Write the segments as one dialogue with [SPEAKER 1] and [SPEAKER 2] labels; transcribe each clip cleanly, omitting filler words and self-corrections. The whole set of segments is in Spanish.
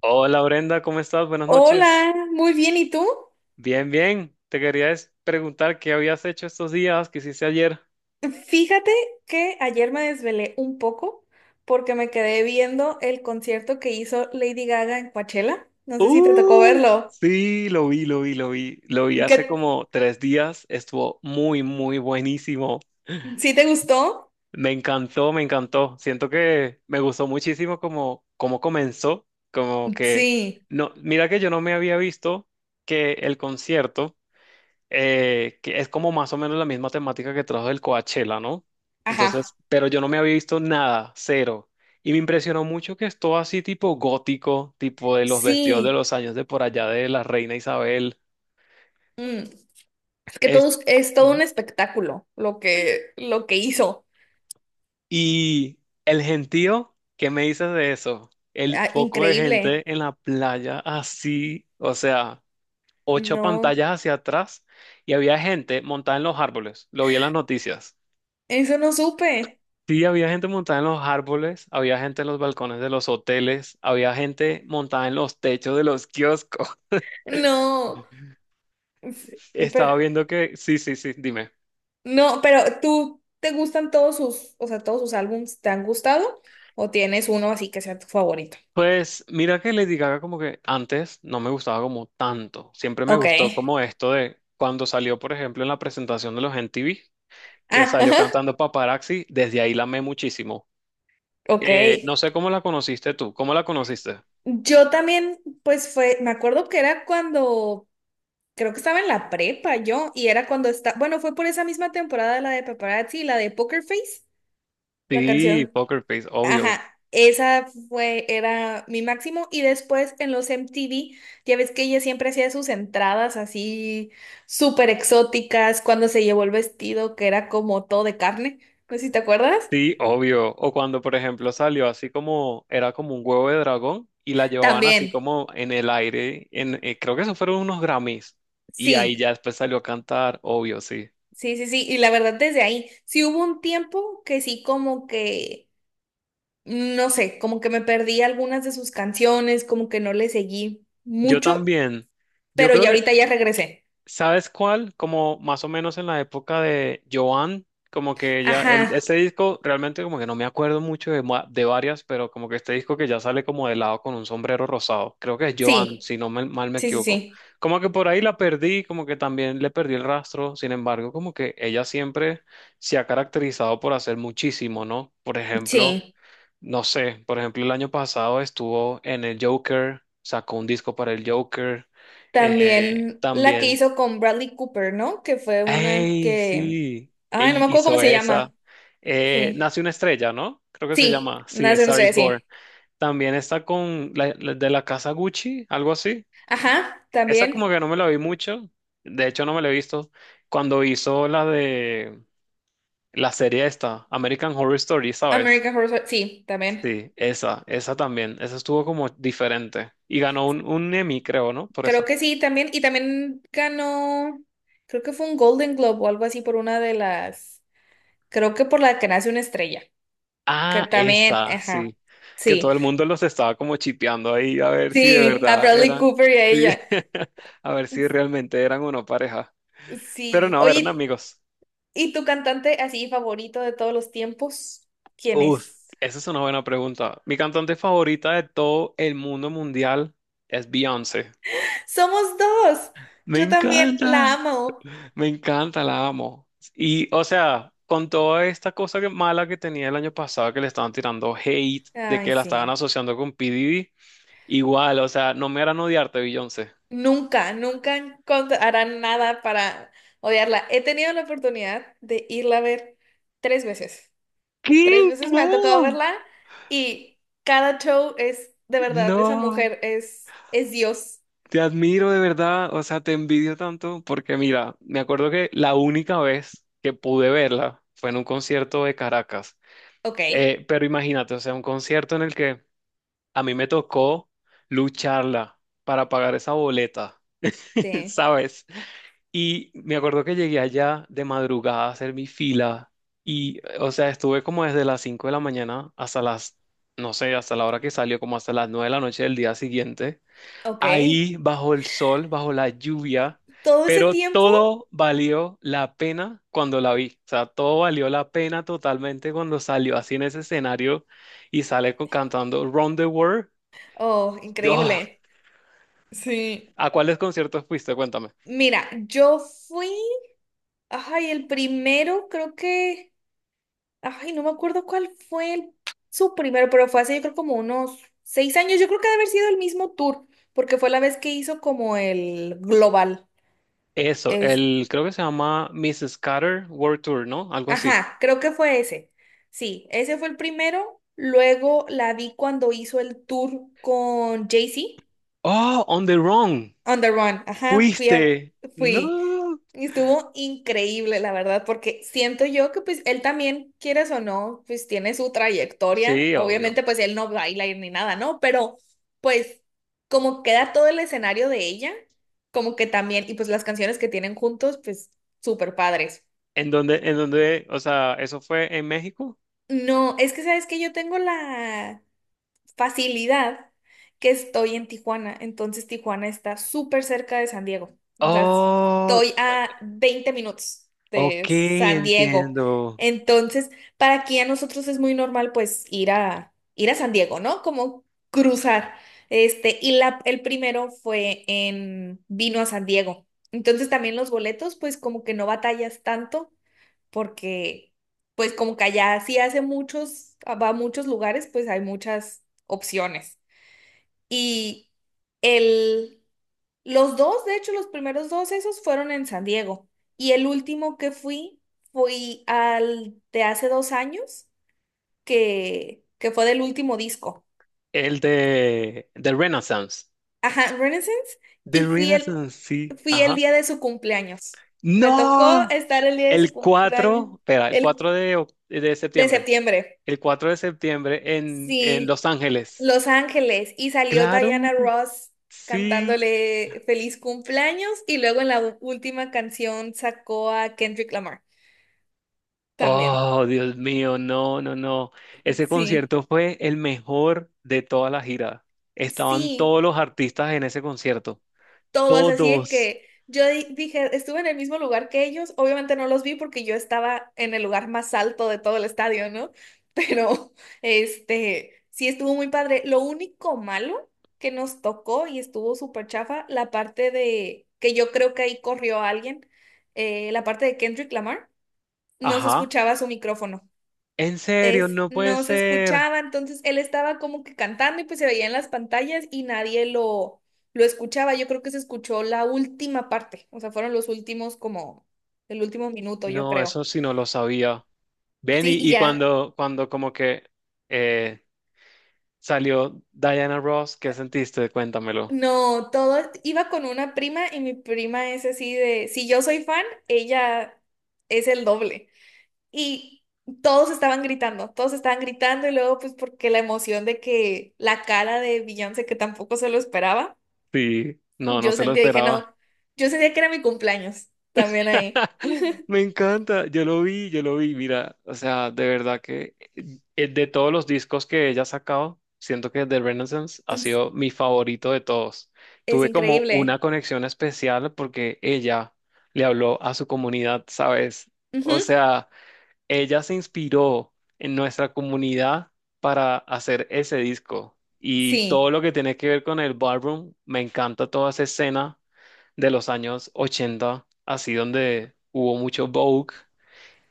[SPEAKER 1] Hola Brenda, ¿cómo estás? Buenas noches.
[SPEAKER 2] Hola, muy bien, ¿y tú?
[SPEAKER 1] Bien, bien. Te quería preguntar qué habías hecho estos días, qué hiciste ayer.
[SPEAKER 2] Fíjate que ayer me desvelé un poco porque me quedé viendo el concierto que hizo Lady Gaga en Coachella. No sé si te tocó
[SPEAKER 1] Uh,
[SPEAKER 2] verlo.
[SPEAKER 1] sí, lo vi, lo vi, lo vi. Lo vi hace
[SPEAKER 2] ¿Qué,
[SPEAKER 1] como tres días. Estuvo muy, muy buenísimo.
[SPEAKER 2] sí te gustó?
[SPEAKER 1] Me encantó, me encantó. Siento que me gustó muchísimo como, cómo comenzó. Como que,
[SPEAKER 2] Sí,
[SPEAKER 1] no, mira que yo no me había visto que el concierto. Que es como más o menos la misma temática que trajo del Coachella, ¿no?
[SPEAKER 2] ajá.
[SPEAKER 1] Entonces, pero yo no me había visto nada, cero. Y me impresionó mucho que es todo así tipo gótico, tipo de los vestidos de
[SPEAKER 2] Sí.
[SPEAKER 1] los años de por allá de la reina Isabel.
[SPEAKER 2] Mm, Es que todo
[SPEAKER 1] Es...
[SPEAKER 2] es todo
[SPEAKER 1] Ujú.
[SPEAKER 2] un espectáculo lo que hizo.
[SPEAKER 1] Y el gentío, ¿qué me dices de eso? El
[SPEAKER 2] Ah,
[SPEAKER 1] poco de
[SPEAKER 2] increíble.
[SPEAKER 1] gente en la playa así, o sea, ocho
[SPEAKER 2] No,
[SPEAKER 1] pantallas hacia atrás y había gente montada en los árboles. Lo vi en las noticias.
[SPEAKER 2] eso no supe.
[SPEAKER 1] Sí, había gente montada en los árboles, había gente en los balcones de los hoteles, había gente montada en los techos de los kioscos.
[SPEAKER 2] No, pero
[SPEAKER 1] Estaba viendo que, sí, sí, sí, dime.
[SPEAKER 2] No, pero ¿tú te gustan todos sus, o sea, todos sus álbumes te han gustado? ¿O tienes uno así que sea tu favorito?
[SPEAKER 1] Pues mira que Lady Gaga como que antes no me gustaba como tanto. Siempre me
[SPEAKER 2] Ok.
[SPEAKER 1] gustó como esto de cuando salió, por ejemplo, en la presentación de los MTV, que
[SPEAKER 2] Ah,
[SPEAKER 1] salió
[SPEAKER 2] ajá,
[SPEAKER 1] cantando Paparazzi, desde ahí la amé muchísimo.
[SPEAKER 2] ok.
[SPEAKER 1] No sé cómo la conociste tú, ¿cómo la conociste?
[SPEAKER 2] Yo también, pues fue, me acuerdo que era cuando, creo que estaba en la prepa yo, y era cuando está, bueno, fue por esa misma temporada la de Paparazzi y la de Poker Face, la
[SPEAKER 1] Sí,
[SPEAKER 2] canción.
[SPEAKER 1] Poker Face, obvio.
[SPEAKER 2] Ajá, esa fue, era mi máximo. Y después en los MTV, ya ves que ella siempre hacía sus entradas así súper exóticas cuando se llevó el vestido que era como todo de carne. No sé si te acuerdas.
[SPEAKER 1] Sí, obvio. O cuando, por ejemplo, salió así como, era como un huevo de dragón y la llevaban así
[SPEAKER 2] También,
[SPEAKER 1] como en el aire, en, creo que eso fueron unos Grammys. Y ahí ya
[SPEAKER 2] sí,
[SPEAKER 1] después salió a cantar, obvio, sí.
[SPEAKER 2] sí, sí, sí. Y la verdad, desde ahí, sí hubo un tiempo que sí como que, no sé, como que me perdí algunas de sus canciones, como que no le seguí
[SPEAKER 1] Yo
[SPEAKER 2] mucho,
[SPEAKER 1] también, yo
[SPEAKER 2] pero
[SPEAKER 1] creo
[SPEAKER 2] ya
[SPEAKER 1] que
[SPEAKER 2] ahorita ya regresé.
[SPEAKER 1] ¿sabes cuál? Como más o menos en la época de Joan, como que ella, el,
[SPEAKER 2] Ajá,
[SPEAKER 1] ese disco realmente como que no me acuerdo mucho de, de varias, pero como que este disco que ya sale como de lado con un sombrero rosado, creo que es Joan,
[SPEAKER 2] sí,
[SPEAKER 1] si no mal me
[SPEAKER 2] sí, sí,
[SPEAKER 1] equivoco.
[SPEAKER 2] sí,
[SPEAKER 1] Como que por ahí la perdí, como que también le perdí el rastro, sin embargo, como que ella siempre se ha caracterizado por hacer muchísimo, ¿no? Por ejemplo,
[SPEAKER 2] sí.
[SPEAKER 1] no sé, por ejemplo, el año pasado estuvo en el Joker, sacó un disco para el Joker,
[SPEAKER 2] También la que
[SPEAKER 1] también.
[SPEAKER 2] hizo con Bradley Cooper, ¿no? Que fue una
[SPEAKER 1] ¡Ey,
[SPEAKER 2] que...
[SPEAKER 1] sí!
[SPEAKER 2] Ay, no
[SPEAKER 1] Ey,
[SPEAKER 2] me acuerdo cómo
[SPEAKER 1] hizo
[SPEAKER 2] se
[SPEAKER 1] esa.
[SPEAKER 2] llama. Sí.
[SPEAKER 1] Nace una estrella, ¿no? Creo que se
[SPEAKER 2] Sí,
[SPEAKER 1] llama. Sí, A
[SPEAKER 2] nace no
[SPEAKER 1] Star is
[SPEAKER 2] sé,
[SPEAKER 1] Born.
[SPEAKER 2] sí.
[SPEAKER 1] También está con la, la de la casa Gucci, algo así.
[SPEAKER 2] Ajá,
[SPEAKER 1] Esa como
[SPEAKER 2] también.
[SPEAKER 1] que no me la vi mucho. De hecho, no me la he visto. Cuando hizo la de la serie esta, American Horror Story, ¿sabes?
[SPEAKER 2] American Horror Story, sí, también.
[SPEAKER 1] Sí, esa también. Esa estuvo como diferente. Y ganó un Emmy, creo, ¿no? Por
[SPEAKER 2] Creo
[SPEAKER 1] eso.
[SPEAKER 2] que sí, también. Y también ganó, creo que fue un Golden Globe o algo así por una de las, creo que por la que nace una estrella. Que
[SPEAKER 1] Ah,
[SPEAKER 2] también,
[SPEAKER 1] esa,
[SPEAKER 2] ajá.
[SPEAKER 1] sí. Que todo
[SPEAKER 2] Sí,
[SPEAKER 1] el mundo los estaba como chipeando ahí a ver si de sí
[SPEAKER 2] sí, a
[SPEAKER 1] verdad
[SPEAKER 2] Bradley
[SPEAKER 1] eran,
[SPEAKER 2] Cooper y a
[SPEAKER 1] sí,
[SPEAKER 2] ella.
[SPEAKER 1] a ver si realmente eran o no pareja. Pero
[SPEAKER 2] Sí.
[SPEAKER 1] no, eran
[SPEAKER 2] Oye,
[SPEAKER 1] amigos.
[SPEAKER 2] ¿y tu cantante así favorito de todos los tiempos? ¿Quién
[SPEAKER 1] Uf,
[SPEAKER 2] es?
[SPEAKER 1] esa es una buena pregunta. Mi cantante favorita de todo el mundo mundial es Beyoncé.
[SPEAKER 2] Somos dos.
[SPEAKER 1] Me
[SPEAKER 2] Yo también
[SPEAKER 1] encanta,
[SPEAKER 2] la amo.
[SPEAKER 1] me encanta, la amo. Y, o sea, con toda esta cosa mala que tenía el año pasado, que le estaban tirando hate, de
[SPEAKER 2] Ay,
[SPEAKER 1] que la estaban
[SPEAKER 2] sí.
[SPEAKER 1] asociando con P. Diddy, igual, o sea, no me harán odiarte, Beyoncé.
[SPEAKER 2] Nunca, harán nada para odiarla. He tenido la oportunidad de irla a ver tres veces. Tres
[SPEAKER 1] ¿Qué?
[SPEAKER 2] veces me ha tocado
[SPEAKER 1] No,
[SPEAKER 2] verla y cada show es, de verdad, esa
[SPEAKER 1] no,
[SPEAKER 2] mujer es Dios.
[SPEAKER 1] te admiro de verdad, o sea, te envidio tanto porque mira, me acuerdo que la única vez que pude verla fue en un concierto de Caracas.
[SPEAKER 2] Ok,
[SPEAKER 1] Pero imagínate, o sea, un concierto en el que a mí me tocó lucharla para pagar esa boleta,
[SPEAKER 2] sí,
[SPEAKER 1] ¿sabes? Y me acuerdo que llegué allá de madrugada a hacer mi fila y, o sea, estuve como desde las 5 de la mañana hasta las, no sé, hasta la hora que salió, como hasta las 9 de la noche del día siguiente
[SPEAKER 2] ok.
[SPEAKER 1] ahí bajo el sol, bajo la lluvia,
[SPEAKER 2] Todo ese
[SPEAKER 1] pero
[SPEAKER 2] tiempo,
[SPEAKER 1] todo valió la pena cuando la vi. O sea, todo valió la pena totalmente cuando salió así en ese escenario y sale cantando Round the World.
[SPEAKER 2] oh,
[SPEAKER 1] ¡Oh!
[SPEAKER 2] increíble. Sí.
[SPEAKER 1] ¿A cuáles conciertos fuiste? Cuéntame.
[SPEAKER 2] Mira, yo fui, ay, el primero creo que, ay, no me acuerdo cuál fue su primero, pero fue hace yo creo como unos 6 años, yo creo que debe haber sido el mismo tour, porque fue la vez que hizo como el global,
[SPEAKER 1] Eso,
[SPEAKER 2] es,
[SPEAKER 1] el creo que se llama Mrs. Carter World Tour, ¿no? Algo así.
[SPEAKER 2] ajá, creo que fue ese, sí, ese fue el primero, luego la vi cuando hizo el tour con Jay-Z,
[SPEAKER 1] Oh, On the Run.
[SPEAKER 2] On the Run, ajá,
[SPEAKER 1] ¿Fuiste?
[SPEAKER 2] fui.
[SPEAKER 1] No.
[SPEAKER 2] Y estuvo increíble, la verdad, porque siento yo que pues él también, quieras o no, pues tiene su trayectoria.
[SPEAKER 1] Sí, obvio.
[SPEAKER 2] Obviamente pues él no baila ni nada, ¿no? Pero pues como queda todo el escenario de ella, como que también, y pues las canciones que tienen juntos, pues súper padres.
[SPEAKER 1] En dónde, o sea, eso fue en México?
[SPEAKER 2] No, es que sabes que yo tengo la facilidad que estoy en Tijuana. Entonces Tijuana está súper cerca de San Diego. O sea,
[SPEAKER 1] Oh,
[SPEAKER 2] estoy a 20 minutos
[SPEAKER 1] ok,
[SPEAKER 2] de San Diego.
[SPEAKER 1] entiendo.
[SPEAKER 2] Entonces, para aquí a nosotros es muy normal pues ir a San Diego, ¿no? Como cruzar. Este, y el primero fue en vino a San Diego. Entonces también los boletos, pues como que no batallas tanto porque pues como que allá sí hace muchos, va a muchos lugares, pues hay muchas opciones. Y el, los dos, de hecho, los primeros dos esos fueron en San Diego. Y el último que fui, fui al de hace 2 años, que fue del último disco.
[SPEAKER 1] El de Renaissance.
[SPEAKER 2] Ajá, Renaissance.
[SPEAKER 1] De
[SPEAKER 2] Y fui
[SPEAKER 1] Renaissance, sí.
[SPEAKER 2] fui el
[SPEAKER 1] Ajá.
[SPEAKER 2] día de su cumpleaños. Me tocó
[SPEAKER 1] ¡No!
[SPEAKER 2] estar el día de su
[SPEAKER 1] El
[SPEAKER 2] cumpleaños,
[SPEAKER 1] 4, espera, el
[SPEAKER 2] el
[SPEAKER 1] 4 de, de
[SPEAKER 2] de
[SPEAKER 1] septiembre.
[SPEAKER 2] septiembre.
[SPEAKER 1] El cuatro de septiembre en
[SPEAKER 2] Sí,
[SPEAKER 1] Los Ángeles.
[SPEAKER 2] Los Ángeles y salió Diana
[SPEAKER 1] Claro,
[SPEAKER 2] Ross
[SPEAKER 1] sí.
[SPEAKER 2] cantándole feliz cumpleaños y luego en la última canción sacó a Kendrick Lamar también.
[SPEAKER 1] Oh, Dios mío, no, no, no. Ese
[SPEAKER 2] Sí.
[SPEAKER 1] concierto fue el mejor de toda la gira. Estaban
[SPEAKER 2] Sí,
[SPEAKER 1] todos los artistas en ese concierto.
[SPEAKER 2] todos, así de
[SPEAKER 1] Todos.
[SPEAKER 2] que yo dije, estuve en el mismo lugar que ellos, obviamente no los vi porque yo estaba en el lugar más alto de todo el estadio, ¿no? Pero, este, sí estuvo muy padre. Lo único malo que nos tocó y estuvo súper chafa, la parte de, que yo creo que ahí corrió alguien, la parte de Kendrick Lamar, no se
[SPEAKER 1] Ajá.
[SPEAKER 2] escuchaba su micrófono
[SPEAKER 1] En serio, no puede
[SPEAKER 2] no se
[SPEAKER 1] ser.
[SPEAKER 2] escuchaba, entonces él estaba como que cantando y pues se veía en las pantallas y nadie lo escuchaba. Yo creo que se escuchó la última parte, o sea, fueron los últimos como el último minuto, yo
[SPEAKER 1] No,
[SPEAKER 2] creo.
[SPEAKER 1] eso sí no lo sabía. Ven,
[SPEAKER 2] Sí, y
[SPEAKER 1] y
[SPEAKER 2] ya.
[SPEAKER 1] cuando, cuando como que eh, salió Diana Ross, ¿qué sentiste? Cuéntamelo.
[SPEAKER 2] No, todo iba con una prima y mi prima es así de, si yo soy fan, ella es el doble. Y todos estaban gritando y luego pues porque la emoción de que la cara de Beyoncé que tampoco se lo esperaba.
[SPEAKER 1] Sí, no, no
[SPEAKER 2] Yo
[SPEAKER 1] se lo
[SPEAKER 2] sentía, dije, no,
[SPEAKER 1] esperaba.
[SPEAKER 2] yo sentía que era mi cumpleaños también ahí.
[SPEAKER 1] Me encanta, yo lo vi, mira, o sea, de verdad que de todos los discos que ella ha sacado, siento que The Renaissance ha
[SPEAKER 2] Entonces,
[SPEAKER 1] sido mi favorito de todos.
[SPEAKER 2] es
[SPEAKER 1] Tuve como una
[SPEAKER 2] increíble.
[SPEAKER 1] conexión especial porque ella le habló a su comunidad, ¿sabes?
[SPEAKER 2] Ujú,
[SPEAKER 1] O sea... Ella se inspiró en nuestra comunidad para hacer ese disco. Y todo
[SPEAKER 2] sí,
[SPEAKER 1] lo que tiene que ver con el ballroom, me encanta toda esa escena de los años 80 así donde hubo mucho Vogue.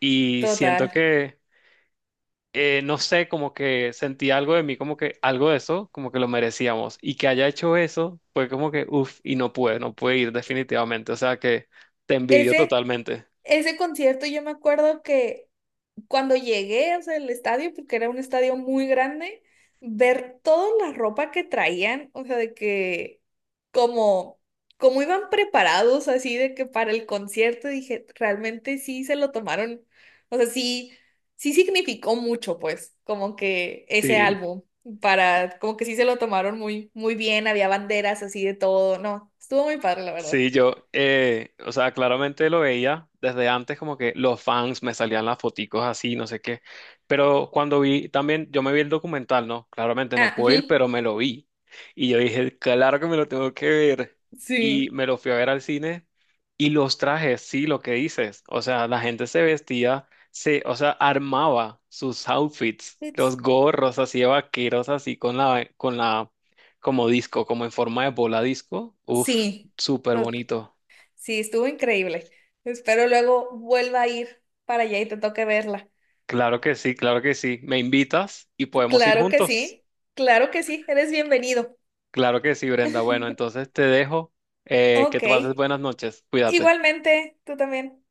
[SPEAKER 1] Y siento
[SPEAKER 2] total.
[SPEAKER 1] que, no sé, como que sentí algo de mí, como que algo de eso, como que lo merecíamos. Y que haya hecho eso, fue como que, uff, y no pude, no pude ir definitivamente. O sea que te envidio
[SPEAKER 2] Ese,
[SPEAKER 1] totalmente.
[SPEAKER 2] ese concierto yo me acuerdo que cuando llegué, o sea, al estadio, porque era un estadio muy grande, ver toda la ropa que traían, o sea, de que como, como iban preparados así de que para el concierto, dije, realmente sí se lo tomaron, o sea, sí, sí significó mucho, pues, como que ese
[SPEAKER 1] Sí,
[SPEAKER 2] álbum, como que sí se lo tomaron muy, muy bien, había banderas así de todo, no, estuvo muy padre, la verdad.
[SPEAKER 1] sí, yo, o sea, claramente lo veía desde antes, como que los fans me salían las foticos así, no sé qué. Pero cuando vi, también yo me vi el documental, ¿no? Claramente no
[SPEAKER 2] Ah,
[SPEAKER 1] puedo ir,
[SPEAKER 2] ujú,
[SPEAKER 1] pero me lo vi. Y yo dije, claro que me lo tengo que ver. Y
[SPEAKER 2] sí,
[SPEAKER 1] me lo fui a ver al cine. Y los trajes, sí, lo que dices. O sea, la gente se vestía, se, o sea, armaba sus outfits,
[SPEAKER 2] It's-
[SPEAKER 1] los gorros así de vaqueros, así con la, como disco, como en forma de bola disco. Uf.
[SPEAKER 2] sí.
[SPEAKER 1] Súper
[SPEAKER 2] to-
[SPEAKER 1] bonito.
[SPEAKER 2] Sí, estuvo increíble. Espero luego vuelva a ir para allá y te toque verla.
[SPEAKER 1] Claro que sí, claro que sí. ¿Me invitas y podemos ir
[SPEAKER 2] Claro que
[SPEAKER 1] juntos?
[SPEAKER 2] sí, claro que sí, eres bienvenido.
[SPEAKER 1] Claro que sí, Brenda. Bueno, entonces te dejo. Que
[SPEAKER 2] Ok,
[SPEAKER 1] te pases buenas noches. Cuídate.
[SPEAKER 2] igualmente, tú también.